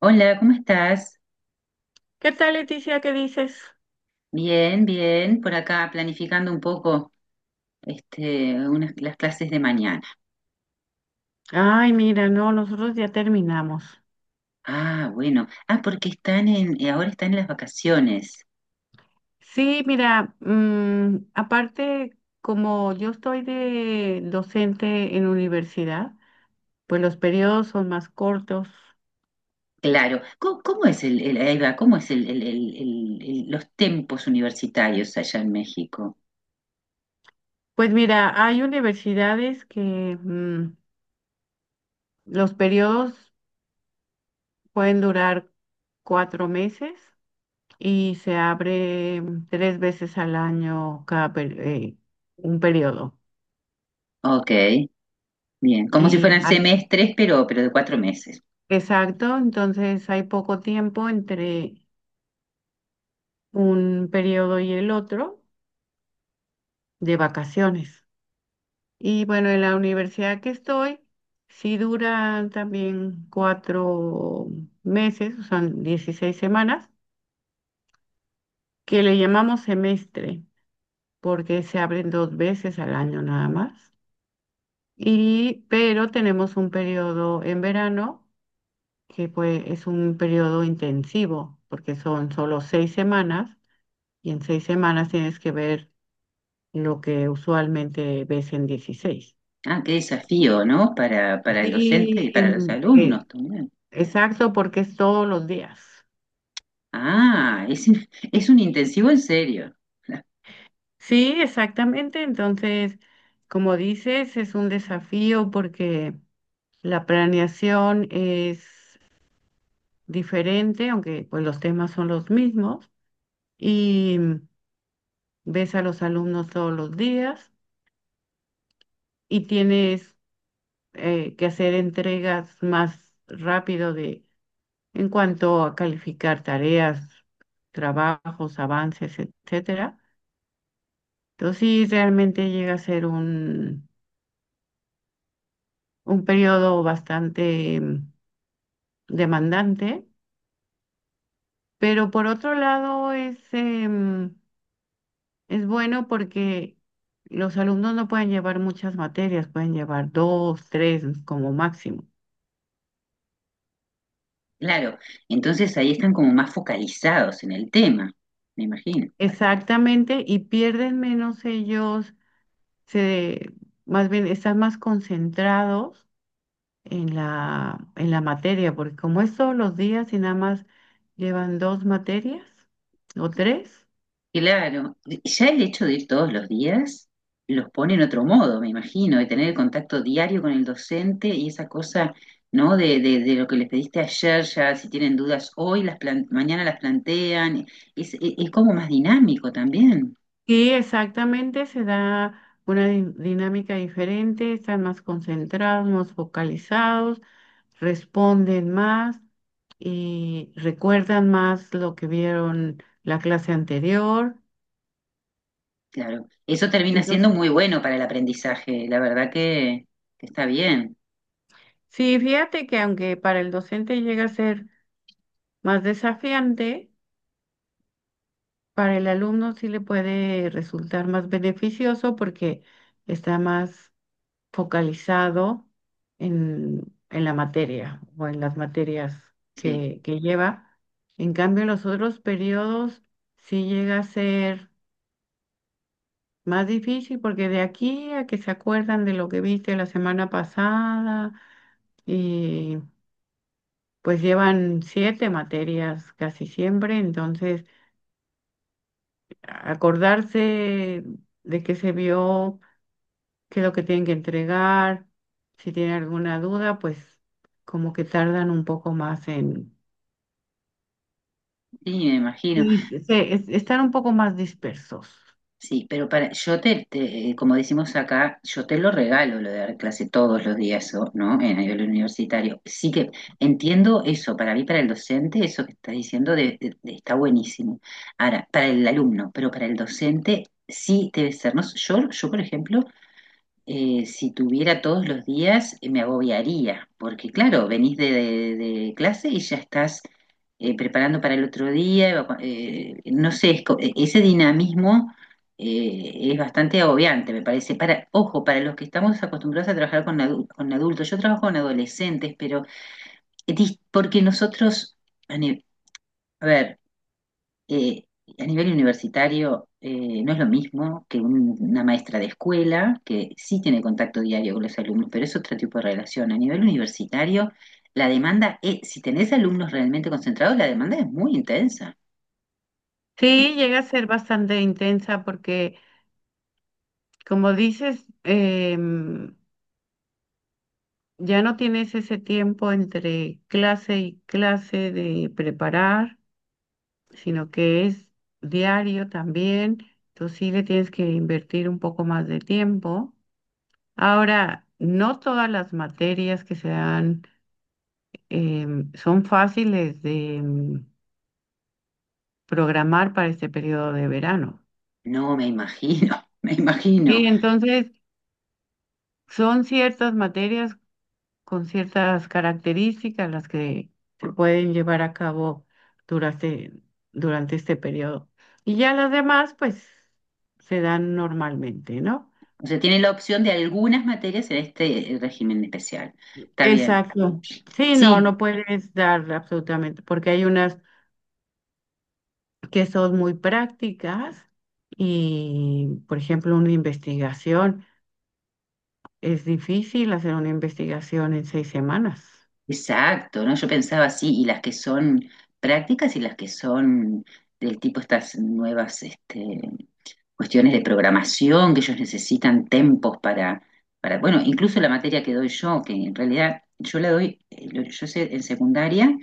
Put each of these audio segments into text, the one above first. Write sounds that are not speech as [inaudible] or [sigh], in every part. Hola, ¿cómo estás? ¿Qué tal, Leticia? ¿Qué dices? Bien, bien, por acá planificando un poco las clases de mañana. Ay, mira, no, nosotros ya terminamos. Ah, bueno. Ah, porque están ahora están en las vacaciones. Sí, mira, aparte, como yo estoy de docente en universidad, pues los periodos son más cortos. Claro. ¿Cómo es ahí va, cómo es los tiempos universitarios allá en México? Pues mira, hay universidades que los periodos pueden durar 4 meses y se abre tres veces al año un periodo. Ok, bien. Como si Y fueran hay semestres, pero de 4 meses. Exacto, entonces hay poco tiempo entre un periodo y el otro de vacaciones. Y bueno, en la universidad que estoy, sí duran también 4 meses, o sea, 16 semanas, que le llamamos semestre, porque se abren dos veces al año nada más. Y, pero tenemos un periodo en verano, que pues es un periodo intensivo, porque son solo 6 semanas. Y en 6 semanas tienes que ver lo que usualmente ves en 16. Ah, qué desafío, ¿no? Para el docente y Y para los mm, alumnos eh, también. exacto, porque es todos los días. Ah, es un intensivo en serio. [laughs] Sí, exactamente. Entonces, como dices, es un desafío porque la planeación es diferente, aunque pues los temas son los mismos. Y mm, Ves a los alumnos todos los días y tienes que hacer entregas más rápido de en cuanto a calificar tareas, trabajos, avances, etcétera. Entonces sí, realmente llega a ser un periodo bastante demandante, pero por otro lado es bueno porque los alumnos no pueden llevar muchas materias, pueden llevar dos, tres como máximo. Claro, entonces ahí están como más focalizados en el tema, me imagino. Exactamente, y pierden menos ellos, se, más bien están más concentrados en la materia, porque como es todos los días y nada más llevan dos materias o tres, Claro, ya el hecho de ir todos los días los pone en otro modo, me imagino, de tener el contacto diario con el docente y esa cosa, ¿no? De lo que les pediste ayer, ya si tienen dudas hoy, mañana las plantean, es como más dinámico también, y exactamente se da una dinámica diferente, están más concentrados, más focalizados, responden más y recuerdan más lo que vieron la clase anterior. claro. Eso termina siendo Entonces, muy bueno para el aprendizaje, la verdad que está bien, sí, fíjate que aunque para el docente llega a ser más desafiante, para el alumno sí le puede resultar más beneficioso porque está más focalizado en, en la materia o en las materias sí, que lleva. En cambio, en los otros periodos sí llega a ser más difícil porque de aquí a que se acuerdan de lo que viste la semana pasada y pues llevan siete materias casi siempre, entonces acordarse de que se vio qué es lo que tienen que entregar. Si tienen alguna duda, pues como que tardan un poco más en. sí, me imagino. Sí, están un poco más dispersos. Sí, pero yo te, como decimos acá, yo te lo regalo lo de dar clase todos los días, ¿no? En a nivel universitario. Sí que entiendo eso, para mí, para el docente, eso que estás diciendo está buenísimo. Ahora, para el alumno, pero para el docente sí debe ser. No, yo, por ejemplo, si tuviera todos los días, me agobiaría, porque claro, venís de clase y ya estás preparando para el otro día, no sé, ese dinamismo es bastante agobiante, me parece. Para, ojo, para los que estamos acostumbrados a trabajar con adultos, yo trabajo con adolescentes, pero porque nosotros, a ni- a ver, eh, a nivel universitario no es lo mismo que una maestra de escuela, que sí tiene contacto diario con los alumnos, pero es otro tipo de relación. A nivel universitario, la demanda es, si tenés alumnos realmente concentrados, la demanda es muy intensa. Sí, llega a ser bastante intensa porque, como dices, ya no tienes ese tiempo entre clase y clase de preparar, sino que es diario también. Entonces sí le tienes que invertir un poco más de tiempo. Ahora, no todas las materias que se dan son fáciles de programar para este periodo de verano. No me imagino, [laughs] me imagino. Y entonces son ciertas materias con ciertas características las que se pueden llevar a cabo durante, durante este periodo. Y ya las demás, pues, se dan normalmente, ¿no? O sea, tiene la opción de algunas materias en este régimen especial. Está bien. Exacto. Sí, no, Sí. no puedes dar absolutamente, porque hay unas que son muy prácticas y, por ejemplo, una investigación. Es difícil hacer una investigación en 6 semanas. Exacto, ¿no? Yo pensaba así, y las que son prácticas y las que son del tipo estas nuevas cuestiones de programación, que ellos necesitan tiempos para, bueno, incluso la materia que doy yo, que en realidad yo la doy, yo sé en secundaria,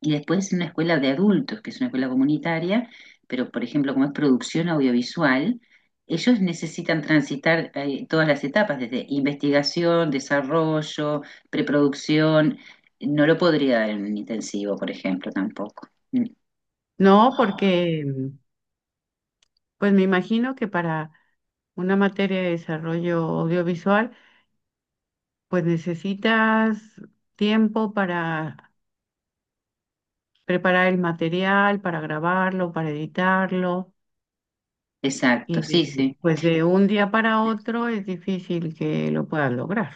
y después una escuela de adultos, que es una escuela comunitaria, pero por ejemplo, como es producción audiovisual, ellos necesitan transitar todas las etapas, desde investigación, desarrollo, preproducción. No lo podría dar en un intensivo, por ejemplo, tampoco. Mm. No, porque pues me imagino que para una materia de desarrollo audiovisual, pues necesitas tiempo para preparar el material, para grabarlo, para editarlo, Exacto, y sí, sí. pues de un día para otro es difícil que lo puedas lograr.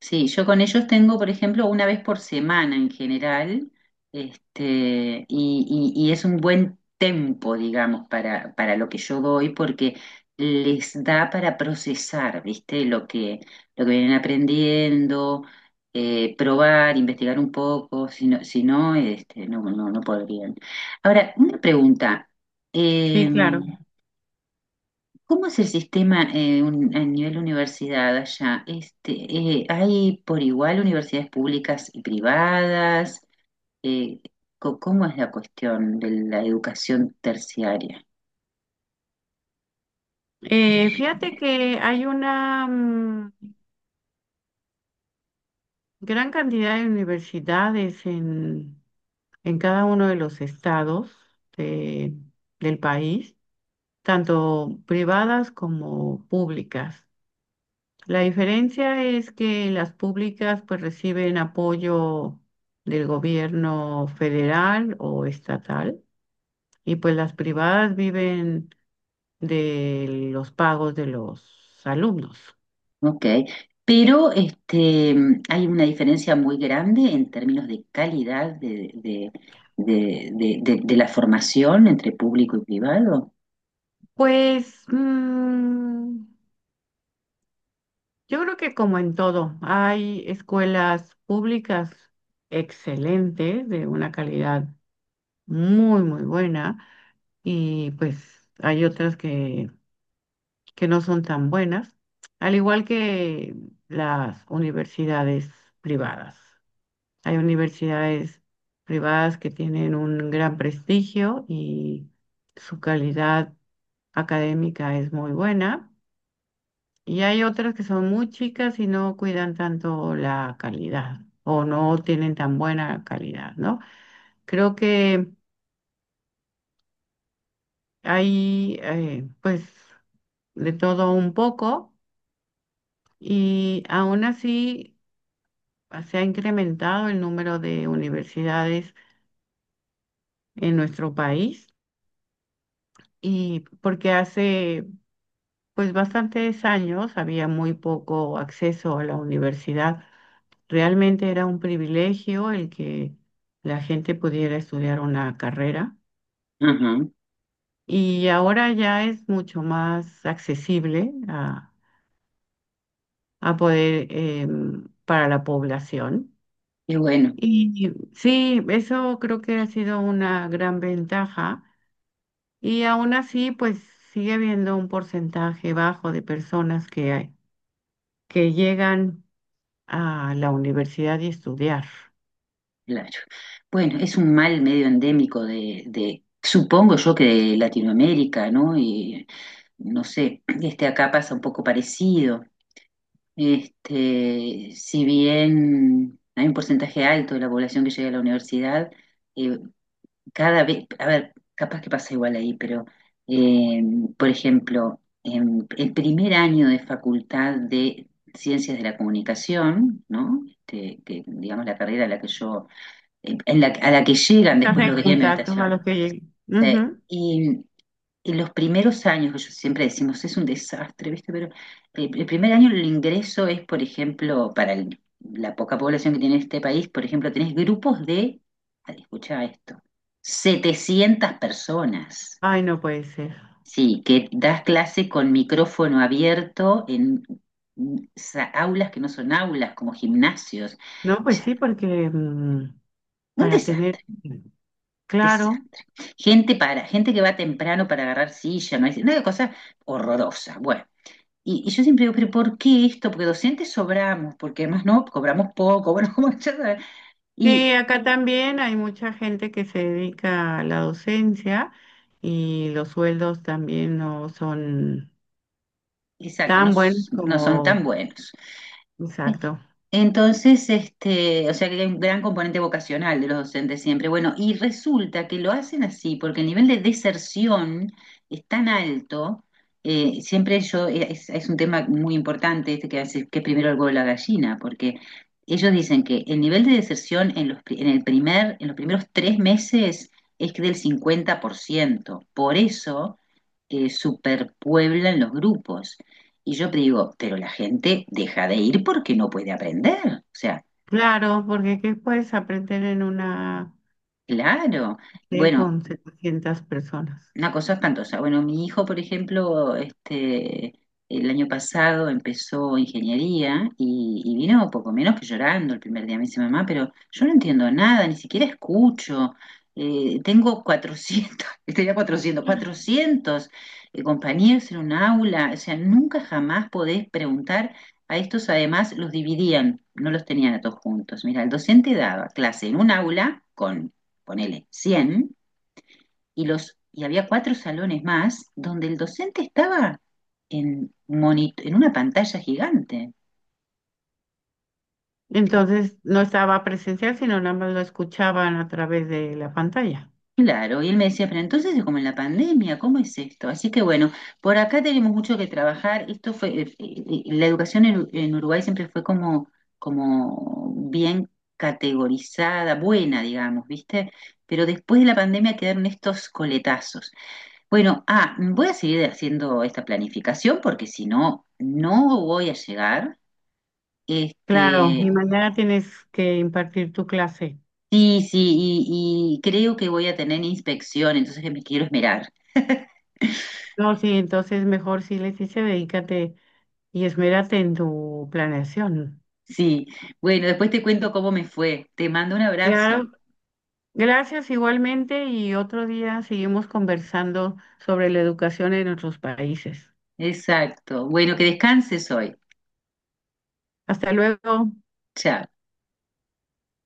Sí, yo con ellos tengo, por ejemplo, una vez por semana en general, y es un buen tempo, digamos, para lo que yo doy, porque les da para procesar, ¿viste? Lo que vienen aprendiendo, probar, investigar un poco, si no, no, no, no podrían. Ahora, una pregunta. Sí, em, claro. ¿Cómo es el sistema a nivel universidad allá? ¿Hay por igual universidades públicas y privadas? Eh, ¿cómo es la cuestión de la educación terciaria? Fíjate que hay una gran cantidad de universidades en cada uno de los estados de- del país, tanto privadas como públicas. La diferencia es que las públicas pues reciben apoyo del gobierno federal o estatal y pues las privadas viven de los pagos de los alumnos. Ok, pero hay una diferencia muy grande en términos de calidad de la formación entre público y privado. Pues yo creo que como en todo, hay escuelas públicas excelentes, de una calidad muy, muy buena, y pues hay otras que no son tan buenas, al igual que las universidades privadas. Hay universidades privadas que tienen un gran prestigio y su calidad académica es muy buena. Y hay otras que son muy chicas y no cuidan tanto la calidad o no tienen tan buena calidad, ¿no? Creo que hay pues de todo un poco y aún así se ha incrementado el número de universidades en nuestro país y porque hace pues bastantes años había muy poco acceso a la universidad. Realmente era un privilegio el que la gente pudiera estudiar una carrera Ajá, y ahora ya es mucho más accesible a poder para la población. qué bueno. Y sí, eso creo que ha sido una gran ventaja y aún así pues sigue habiendo un porcentaje bajo de personas que llegan a la universidad y estudiar. Claro. Bueno, es un mal medio endémico supongo yo que de Latinoamérica, ¿no? Y no sé, acá pasa un poco parecido. Si bien hay un porcentaje alto de la población que llega a la universidad, eh, cada vez, a ver, capaz que pasa igual ahí, pero eh, por ejemplo, en el primer año de facultad de Ciencias de la Comunicación, ¿no? Que digamos la carrera a la que yo a la que llegan Estás después en lo que tienen contacto a meditación. los que lleguen. Sí. Ujú. Y los primeros años, que yo siempre decimos, es un desastre, ¿viste? Pero el primer año el ingreso es, por ejemplo, para la poca población que tiene este país, por ejemplo, tenés grupos de, escucha esto, 700 personas, Ay, no puede ser. sí, que das clase con micrófono abierto en aulas que no son aulas, como gimnasios. No, pues sí, porque Un para tener desastre. claro. Desastre. Gente que va temprano para agarrar silla, no hay, una cosa horrorosa. Bueno, y yo siempre digo, pero ¿por qué esto? Porque docentes sobramos, porque además no, cobramos poco, bueno, [laughs] como ya sabes. Y Sí, acá también hay mucha gente que se dedica a la docencia y los sueldos también no son exacto, no, tan buenos no son tan como, buenos. Sí. exacto. Entonces, este, o sea que hay un gran componente vocacional de los docentes siempre. Bueno, y resulta que lo hacen así, porque el nivel de deserción es tan alto, siempre es un tema muy importante este que hace, que es primero el huevo y la gallina, porque ellos dicen que el nivel de deserción en los primeros 3 meses es que del 50%. Por ciento. Por eso superpueblan los grupos. Y yo digo, pero la gente deja de ir porque no puede aprender. O sea, Claro, porque ¿qué puedes aprender en una claro. clase Bueno, con 700 personas? una cosa espantosa. Bueno, mi hijo, por ejemplo, este, el año pasado empezó ingeniería y vino poco menos que llorando el primer día. Me dice, mamá, pero yo no entiendo nada, ni siquiera escucho. Tengo 400, [laughs] tenía cuatrocientos compañeros en un aula. O sea, nunca jamás podés preguntar. A estos además los dividían, no los tenían a todos juntos. Mira, el docente daba clase en un aula con, ponele, 100 y había cuatro salones más donde el docente estaba monito en una pantalla gigante. Entonces no estaba presencial, sino nada más lo escuchaban a través de la pantalla. Claro, y él me decía, pero entonces es como en la pandemia, ¿cómo es esto? Así que bueno, por acá tenemos mucho que trabajar. Esto fue, la educación en Uruguay siempre fue como bien categorizada, buena, digamos, ¿viste? Pero después de la pandemia quedaron estos coletazos. Bueno, voy a seguir haciendo esta planificación porque si no, no voy a llegar. Claro, Este, y mañana tienes que impartir tu clase. sí, sí, y creo que voy a tener inspección, entonces que me quiero esmerar. [laughs] No, sí, entonces mejor sí les dice, dedícate y esmérate en tu planeación. Sí, bueno, después te cuento cómo me fue. Te mando un abrazo. Claro, gracias igualmente y otro día seguimos conversando sobre la educación en nuestros países. Exacto. Bueno, que descanses hoy. Hasta luego. Chao.